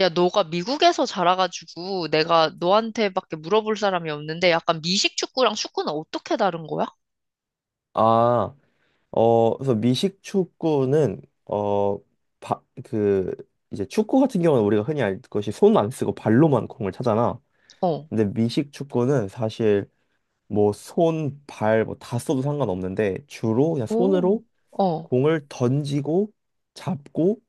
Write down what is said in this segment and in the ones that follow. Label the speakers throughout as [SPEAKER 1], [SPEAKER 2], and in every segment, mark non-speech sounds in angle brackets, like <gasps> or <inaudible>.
[SPEAKER 1] 야, 너가 미국에서 자라가지고 내가 너한테밖에 물어볼 사람이 없는데 약간 미식 축구랑 축구는 어떻게 다른 거야?
[SPEAKER 2] 아, 그래서 미식 축구는 어, 바, 그 이제 축구 같은 경우는 우리가 흔히 알 것이 손 안 쓰고 발로만 공을 차잖아.
[SPEAKER 1] 어.
[SPEAKER 2] 근데 미식 축구는 사실 뭐 손, 발 뭐 다 써도 상관없는데 주로 그냥
[SPEAKER 1] 오.
[SPEAKER 2] 손으로
[SPEAKER 1] 어.
[SPEAKER 2] 공을 던지고 잡고,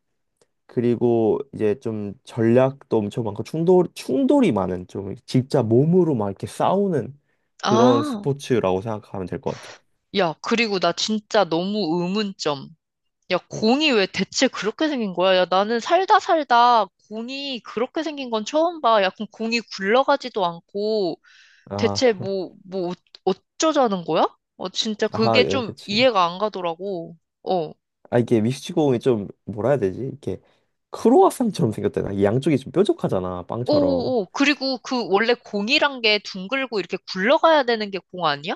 [SPEAKER 2] 그리고 이제 좀 전략도 엄청 많고 충돌이 많은, 좀 진짜 몸으로 막 이렇게 싸우는 그런
[SPEAKER 1] 아.
[SPEAKER 2] 스포츠라고 생각하면 될 것 같아.
[SPEAKER 1] 야, 그리고 나 진짜 너무 의문점. 야, 공이 왜 대체 그렇게 생긴 거야? 야, 나는 살다 살다 공이 그렇게 생긴 건 처음 봐. 야, 그럼 공이 굴러가지도 않고 대체
[SPEAKER 2] 아,
[SPEAKER 1] 어쩌자는 거야? 어, 진짜 그게
[SPEAKER 2] 예,
[SPEAKER 1] 좀
[SPEAKER 2] 그치.
[SPEAKER 1] 이해가 안 가더라고. 어.
[SPEAKER 2] 아, 이게 미식축공이 좀 뭐라 해야 되지? 이렇게 크로와상처럼 생겼잖아. 이 양쪽이 좀 뾰족하잖아, 빵처럼.
[SPEAKER 1] 오, 오, 그리고 그 원래 공이란 게 둥글고 이렇게 굴러가야 되는 게 공 아니야?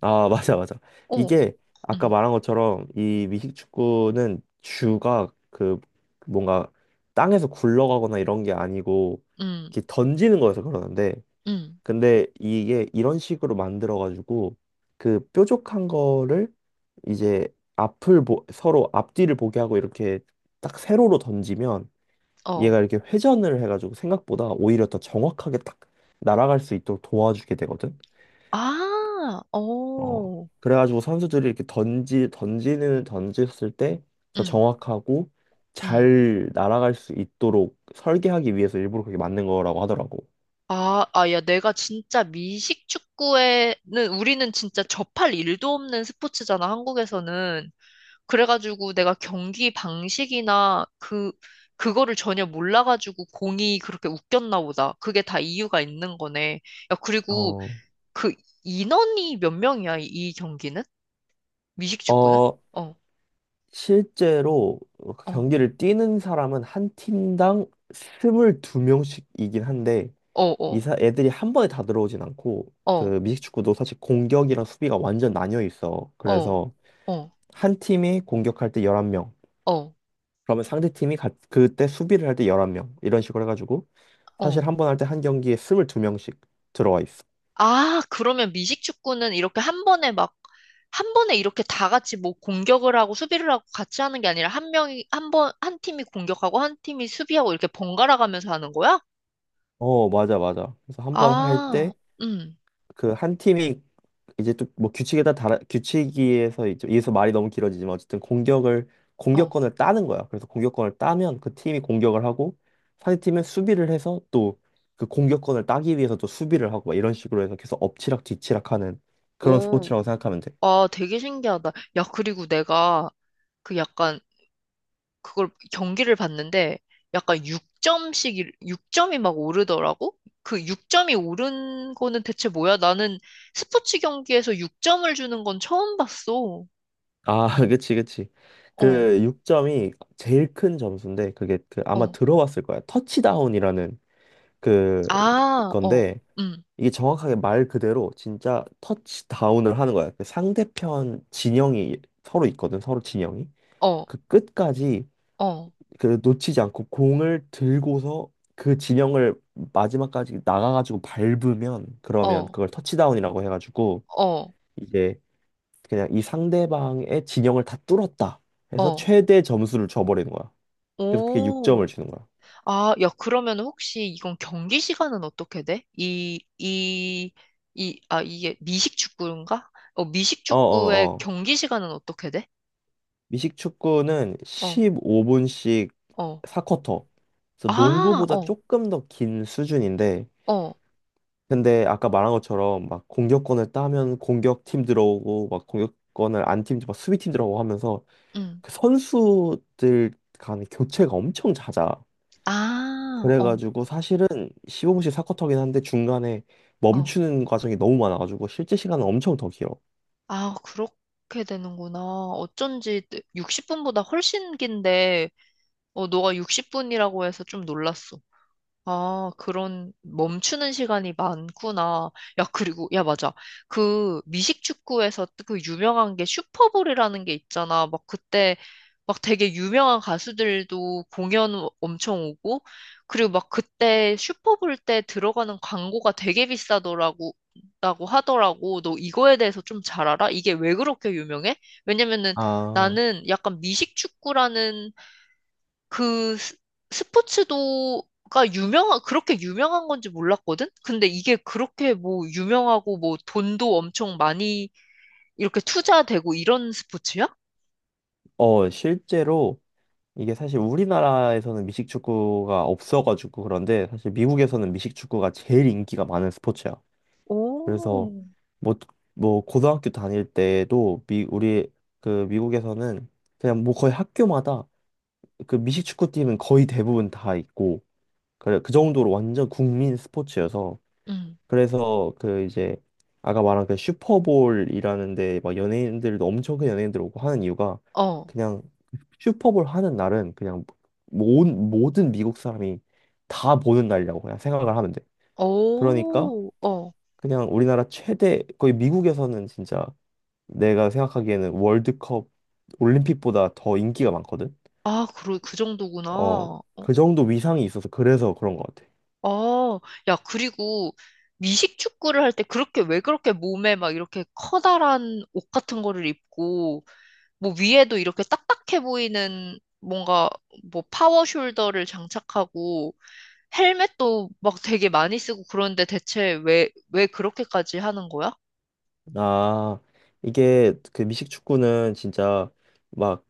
[SPEAKER 2] 아, <laughs> 맞아, 맞아.
[SPEAKER 1] 어,
[SPEAKER 2] 이게 아까
[SPEAKER 1] 음,
[SPEAKER 2] 말한 것처럼 이 미식축구는 주가 그 뭔가 땅에서 굴러가거나 이런 게 아니고
[SPEAKER 1] 음,
[SPEAKER 2] 이렇게 던지는 거여서 그러는데,
[SPEAKER 1] 음,
[SPEAKER 2] 근데 이게 이런 식으로 만들어가지고 그 뾰족한 거를 이제 앞을 보, 서로 앞뒤를 보게 하고 이렇게 딱 세로로 던지면
[SPEAKER 1] 어.
[SPEAKER 2] 얘가 이렇게 회전을 해가지고 생각보다 오히려 더 정확하게 딱 날아갈 수 있도록 도와주게 되거든.
[SPEAKER 1] 아,
[SPEAKER 2] 어.
[SPEAKER 1] 오,
[SPEAKER 2] 그래가지고 선수들이 이렇게 던지는 던졌을 때 더
[SPEAKER 1] 음,
[SPEAKER 2] 정확하고
[SPEAKER 1] 음.
[SPEAKER 2] 잘 날아갈 수 있도록 설계하기 위해서 일부러 그렇게 만든 거라고 하더라고.
[SPEAKER 1] 아, 아, 야, 내가 진짜 미식 축구에는 우리는 진짜 접할 일도 없는 스포츠잖아, 한국에서는. 그래가지고 내가 경기 방식이나 그, 그거를 전혀 몰라가지고 공이 그렇게 웃겼나 보다. 그게 다 이유가 있는 거네. 야, 그리고
[SPEAKER 2] 어,
[SPEAKER 1] 그 인원이 몇 명이야, 이이 경기는? 미식축구는?
[SPEAKER 2] 어,
[SPEAKER 1] 어,
[SPEAKER 2] 실제로 그
[SPEAKER 1] 어,
[SPEAKER 2] 경기를 뛰는 사람은 한 팀당 22명씩이긴 한데
[SPEAKER 1] 어, 어,
[SPEAKER 2] 이사 애들이 한 번에 다 들어오진 않고, 그
[SPEAKER 1] 어,
[SPEAKER 2] 미식축구도 사실 공격이랑 수비가 완전 나뉘어 있어.
[SPEAKER 1] 어,
[SPEAKER 2] 그래서
[SPEAKER 1] 어,
[SPEAKER 2] 한 팀이 공격할 때 11명.
[SPEAKER 1] 어,
[SPEAKER 2] 그러면 상대 팀이 가- 그때 수비를 할 때 11명. 이런 식으로 해 가지고
[SPEAKER 1] 어.
[SPEAKER 2] 사실 한 번 할 때 한 경기에 22명씩 들어와 있어.
[SPEAKER 1] 아, 그러면 미식축구는 이렇게 한 번에 막, 한 번에 이렇게 다 같이 뭐 공격을 하고 수비를 하고 같이 하는 게 아니라 한 명이, 한 번, 한 팀이 공격하고 한 팀이 수비하고 이렇게 번갈아 가면서 하는 거야?
[SPEAKER 2] 어, 맞아 맞아. 그래서 한번할
[SPEAKER 1] 아,
[SPEAKER 2] 때
[SPEAKER 1] 음,
[SPEAKER 2] 그 한 팀이 이제 또 뭐 규칙에 다 달아- 규칙에서 이제 여기서 말이 너무 길어지지만 어쨌든 공격을
[SPEAKER 1] 어,
[SPEAKER 2] 공격권을 따는 거야. 그래서 공격권을 따면 그 팀이 공격을 하고 상대팀은 수비를 해서 또 그 공격권을 따기 위해서 또 수비를 하고 막 이런 식으로 해서 계속 엎치락 뒤치락하는 그런
[SPEAKER 1] 오,
[SPEAKER 2] 스포츠라고 생각하면 돼.
[SPEAKER 1] 아, 되게 신기하다. 야, 그리고 내가 그 약간 그걸 경기를 봤는데 약간 6점씩 6점이 막 오르더라고. 그 6점이 오른 거는 대체 뭐야? 나는 스포츠 경기에서 6점을 주는 건 처음 봤어.
[SPEAKER 2] 아, <laughs> 그치, 그치.
[SPEAKER 1] 어,
[SPEAKER 2] 그 6점이 제일 큰 점수인데, 그게 그 아마
[SPEAKER 1] 어.
[SPEAKER 2] 들어봤을 거야. 터치다운이라는 그
[SPEAKER 1] 아, 어.
[SPEAKER 2] 건데
[SPEAKER 1] 음.
[SPEAKER 2] 이게 정확하게 말 그대로 진짜 터치다운을 하는 거야. 그 상대편 진영이 서로 있거든, 서로 진영이.
[SPEAKER 1] 어,
[SPEAKER 2] 그 끝까지
[SPEAKER 1] 어.
[SPEAKER 2] 그 놓치지 않고 공을 들고서 그 진영을 마지막까지 나가가지고 밟으면 그러면
[SPEAKER 1] 어.
[SPEAKER 2] 그걸 터치다운이라고 해가지고
[SPEAKER 1] 어.
[SPEAKER 2] 이제 그냥 이 상대방의 진영을 다 뚫었다 해서
[SPEAKER 1] 어.
[SPEAKER 2] 최대 점수를 줘버리는 거야. 그래서 그게
[SPEAKER 1] 오.
[SPEAKER 2] 6점을 주는 거야.
[SPEAKER 1] 아, 야, 그러면 혹시 이건 경기 시간은 어떻게 돼? 아, 이게 미식축구인가? 어, 미식축구의
[SPEAKER 2] 어어어.
[SPEAKER 1] 경기 시간은 어떻게 돼?
[SPEAKER 2] 미식 축구는
[SPEAKER 1] 어,
[SPEAKER 2] 15분씩
[SPEAKER 1] 어.
[SPEAKER 2] 4쿼터. 그래서
[SPEAKER 1] 아,
[SPEAKER 2] 농구보다
[SPEAKER 1] 어,
[SPEAKER 2] 조금 더 긴 수준인데,
[SPEAKER 1] 어,
[SPEAKER 2] 근데 아까 말한 것처럼 막 공격권을 따면 공격팀 들어오고, 막 공격권을 안 팀, 막 수비팀 들어오고 하면서
[SPEAKER 1] 응.
[SPEAKER 2] 그 선수들 간 교체가 엄청 잦아.
[SPEAKER 1] 아, 어,
[SPEAKER 2] 그래가지고 사실은
[SPEAKER 1] 응,
[SPEAKER 2] 15분씩 4쿼터긴 한데 중간에
[SPEAKER 1] 어.
[SPEAKER 2] 멈추는 과정이 너무 많아가지고 실제 시간은 엄청 더 길어.
[SPEAKER 1] 아, 그렇게 되는구나. 어쩐지 60분보다 훨씬 긴데, 어, 너가 60분이라고 해서 좀 놀랐어. 아, 그런 멈추는 시간이 많구나. 야, 그리고, 야, 맞아. 그 미식축구에서 그 유명한 게 슈퍼볼이라는 게 있잖아. 막 그때 막 되게 유명한 가수들도 공연 엄청 오고, 그리고 막 그때 슈퍼볼 때 들어가는 광고가 되게 비싸더라고, 라고 하더라고. 너 이거에 대해서 좀 잘 알아? 이게 왜 그렇게 유명해? 왜냐면은
[SPEAKER 2] 아,
[SPEAKER 1] 나는 약간 미식축구라는 그 스- 스포츠도가 유명한, 그렇게 유명한 건지 몰랐거든? 근데 이게 그렇게 뭐 유명하고 뭐 돈도 엄청 많이 이렇게 투자되고 이런 스포츠야?
[SPEAKER 2] 실제로 이게 사실 우리나라에서는 미식축구가 없어가지고. 그런데 사실 미국에서는 미식축구가 제일 인기가 많은 스포츠야. 그래서 뭐, 뭐 고등학교 다닐 때도 미, 우리 그 미국에서는 그냥 뭐 거의 학교마다 그 미식축구팀은 거의 대부분 다 있고, 그래 그 정도로 완전 국민 스포츠여서
[SPEAKER 1] 응.
[SPEAKER 2] 그래서 그 이제 아까 말한 그 슈퍼볼이라는 데막 연예인들도 엄청 큰 연예인들 오고 하는 이유가,
[SPEAKER 1] 어.
[SPEAKER 2] 그냥 슈퍼볼 하는 날은 그냥 모든 미국 사람이 다 보는 날이라고 그냥 생각을 하면 돼. 그러니까
[SPEAKER 1] 오, 어.
[SPEAKER 2] 그냥 우리나라 최대 거의 미국에서는 진짜 내가 생각하기에는 월드컵 올림픽보다 더 인기가 많거든.
[SPEAKER 1] 아, 그 정도구나.
[SPEAKER 2] 어,
[SPEAKER 1] 어.
[SPEAKER 2] 그 정도 위상이 있어서 그래서 그런 것 같아.
[SPEAKER 1] 아, 야, 그리고 미식 축구를 할 때 그렇게 왜 그렇게 몸에 막 이렇게 커다란 옷 같은 거를 입고 뭐 위에도 이렇게 딱딱해 보이는 뭔가 뭐 파워 숄더를 장착하고 헬멧도 막 되게 많이 쓰고 그런데 대체 왜 그렇게까지 하는 거야?
[SPEAKER 2] 아, 이게 그 미식 축구는 진짜 막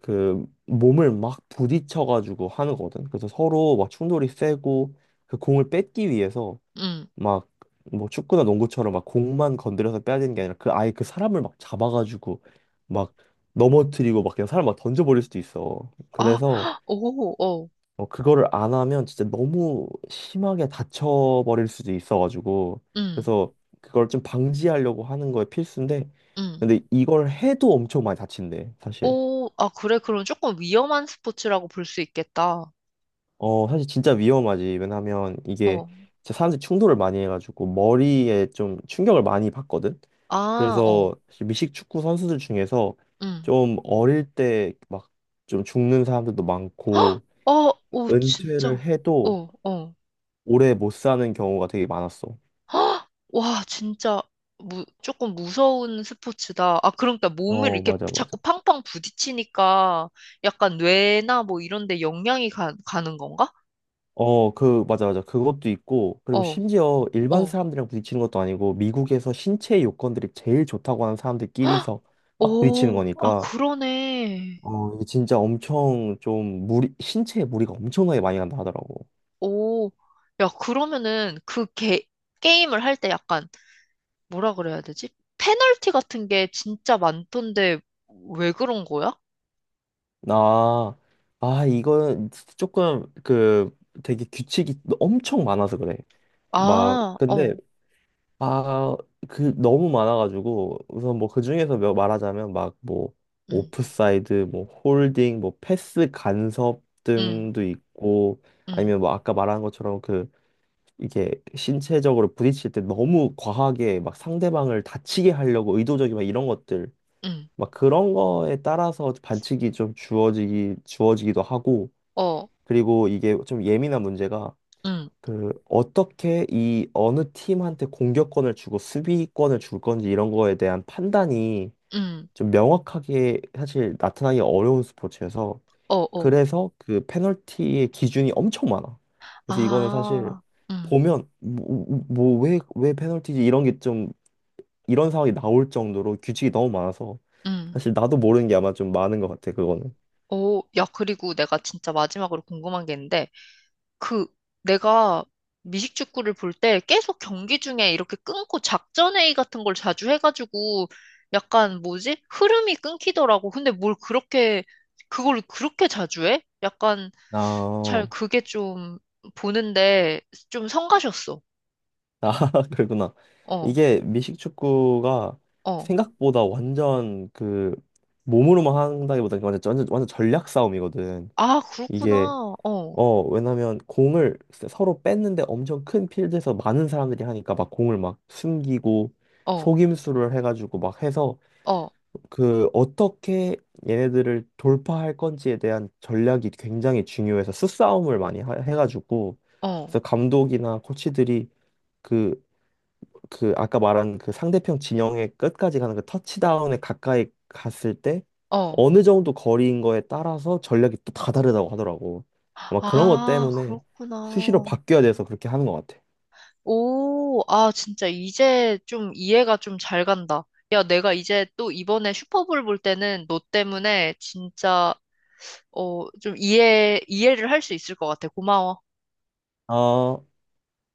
[SPEAKER 2] 그 몸을 막 부딪혀가지고 하는거든. 그래서 서로 막 충돌이 세고 그 공을 뺏기 위해서
[SPEAKER 1] 응.
[SPEAKER 2] 막 뭐 축구나 농구처럼 막 공만 건드려서 빼야 되는 게 아니라 그 아예 그 사람을 막 잡아가지고 막 넘어뜨리고 막 그냥 사람 막 던져버릴 수도 있어.
[SPEAKER 1] 아,
[SPEAKER 2] 그래서
[SPEAKER 1] <gasps> 오, 어,
[SPEAKER 2] 어, 그거를 안 하면 진짜 너무 심하게 다쳐버릴 수도 있어가지고
[SPEAKER 1] 응,
[SPEAKER 2] 그래서 그걸 좀 방지하려고 하는 거에 필수인데,
[SPEAKER 1] 응.
[SPEAKER 2] 근데 이걸 해도 엄청 많이 다친대 사실.
[SPEAKER 1] 오, 아, 그래. 그럼 조금 위험한 스포츠라고 볼 수 있겠다.
[SPEAKER 2] 어, 사실 진짜 위험하지. 왜냐하면 이게
[SPEAKER 1] 어,
[SPEAKER 2] 진짜 사람들이 충돌을 많이 해가지고 머리에 좀 충격을 많이 받거든.
[SPEAKER 1] 아, 어,
[SPEAKER 2] 그래서 사실 미식 축구 선수들 중에서
[SPEAKER 1] 응.
[SPEAKER 2] 좀 어릴 때 막 좀 죽는 사람들도 많고
[SPEAKER 1] 어, 오,
[SPEAKER 2] 은퇴를
[SPEAKER 1] 진짜.
[SPEAKER 2] 해도
[SPEAKER 1] 어, 어.
[SPEAKER 2] 오래 못 사는 경우가 되게 많았어.
[SPEAKER 1] <gasps> 헉! 와, 진짜 조금 무서운 스포츠다. 아, 그러니까 몸을
[SPEAKER 2] 어,
[SPEAKER 1] 이렇게
[SPEAKER 2] 맞아,
[SPEAKER 1] 자꾸
[SPEAKER 2] 맞아.
[SPEAKER 1] 팡팡 부딪히니까 약간 뇌나 뭐 이런 데 영향이 가는 건가?
[SPEAKER 2] 어, 그, 맞아, 맞아. 그것도 있고, 그리고
[SPEAKER 1] 어,
[SPEAKER 2] 심지어 일반
[SPEAKER 1] 어.
[SPEAKER 2] 사람들이랑 부딪히는 것도 아니고, 미국에서 신체 요건들이 제일 좋다고 하는 사람들끼리서 막 부딪히는
[SPEAKER 1] 오, 아,
[SPEAKER 2] 거니까,
[SPEAKER 1] 그러네.
[SPEAKER 2] 어, 이게 진짜 엄청 좀 무리, 신체에 무리가 엄청나게 많이 간다 하더라고.
[SPEAKER 1] 오, 야, 그러면은 게임을 할 때 약간 뭐라 그래야 되지? 페널티 같은 게 진짜 많던데 왜 그런 거야?
[SPEAKER 2] 나, 이건 조금 그 되게 규칙이 엄청 많아서 그래. 막,
[SPEAKER 1] 아,
[SPEAKER 2] 근데,
[SPEAKER 1] 어,
[SPEAKER 2] 아, 그 너무 많아가지고, 우선 뭐 그 중에서 몇- 말하자면 막 뭐,
[SPEAKER 1] 응,
[SPEAKER 2] 오프사이드, 뭐 홀딩, 뭐 패스 간섭
[SPEAKER 1] 응,
[SPEAKER 2] 등도 있고,
[SPEAKER 1] 응,
[SPEAKER 2] 아니면 뭐 아까 말한 것처럼 그 이게 신체적으로 부딪힐 때 너무 과하게 막 상대방을 다치게 하려고 의도적인 막 이런 것들
[SPEAKER 1] 응,
[SPEAKER 2] 막 그런 거에 따라서 반칙이 좀 주어지기도 하고,
[SPEAKER 1] 어,
[SPEAKER 2] 그리고 이게 좀 예민한 문제가
[SPEAKER 1] 응,
[SPEAKER 2] 그 어떻게 이 어느 팀한테 공격권을 주고 수비권을 줄 건지 이런 거에 대한 판단이
[SPEAKER 1] 응,
[SPEAKER 2] 좀 명확하게 사실 나타나기 어려운 스포츠여서
[SPEAKER 1] 어, 어.
[SPEAKER 2] 그래서 그 페널티의 기준이 엄청 많아. 그래서 이거는 사실
[SPEAKER 1] 아, 음,
[SPEAKER 2] 보면 뭐, 왜 페널티지 이런 게 좀 이런 상황이 나올 정도로 규칙이 너무 많아서
[SPEAKER 1] 음.
[SPEAKER 2] 사실 나도 모르는 게 아마 좀 많은 것 같아 그거는.
[SPEAKER 1] 오, 야, 그리고 내가 진짜 마지막으로 궁금한 게 있는데, 그, 내가 미식축구를 볼 때 계속 경기 중에 이렇게 끊고 작전회의 같은 걸 자주 해가지고, 약간 뭐지? 흐름이 끊기더라고. 근데 그걸 그렇게 자주 해? 약간 잘
[SPEAKER 2] 아,
[SPEAKER 1] 그게 좀 보는데 좀 성가셨어.
[SPEAKER 2] 아 <laughs> 그러구나.
[SPEAKER 1] 어,
[SPEAKER 2] 이게 미식 축구가
[SPEAKER 1] 어.
[SPEAKER 2] 생각보다 완전 그 몸으로만 한다기보다 완전 전략 싸움이거든.
[SPEAKER 1] 아,
[SPEAKER 2] 이게
[SPEAKER 1] 그렇구나. 어,
[SPEAKER 2] 어, 왜냐면 공을 서로 뺐는데 엄청 큰 필드에서 많은 사람들이 하니까 막 공을 막 숨기고
[SPEAKER 1] 어,
[SPEAKER 2] 속임수를 해가지고 막 해서
[SPEAKER 1] 어,
[SPEAKER 2] 그 어떻게 얘네들을 돌파할 건지에 대한 전략이 굉장히 중요해서 수싸움을 많이 하- 해가지고
[SPEAKER 1] 어,
[SPEAKER 2] 그래서 감독이나 코치들이 그 그 아까 말한 그 상대편 진영의 끝까지 가는 그 터치다운에 가까이 갔을 때
[SPEAKER 1] 어.
[SPEAKER 2] 어느 정도 거리인 거에 따라서 전략이 또 다 다르다고 하더라고. 아마 그런 것
[SPEAKER 1] 아,
[SPEAKER 2] 때문에 수시로
[SPEAKER 1] 그렇구나.
[SPEAKER 2] 바뀌어야 돼서 그렇게 하는 것 같아.
[SPEAKER 1] 오, 아, 진짜 이제 좀 이해가 좀 잘 간다. 야, 내가 이제 또 이번에 슈퍼볼 볼 때는 너 때문에 진짜, 어, 이해를 할 수 있을 것 같아. 고마워.
[SPEAKER 2] 아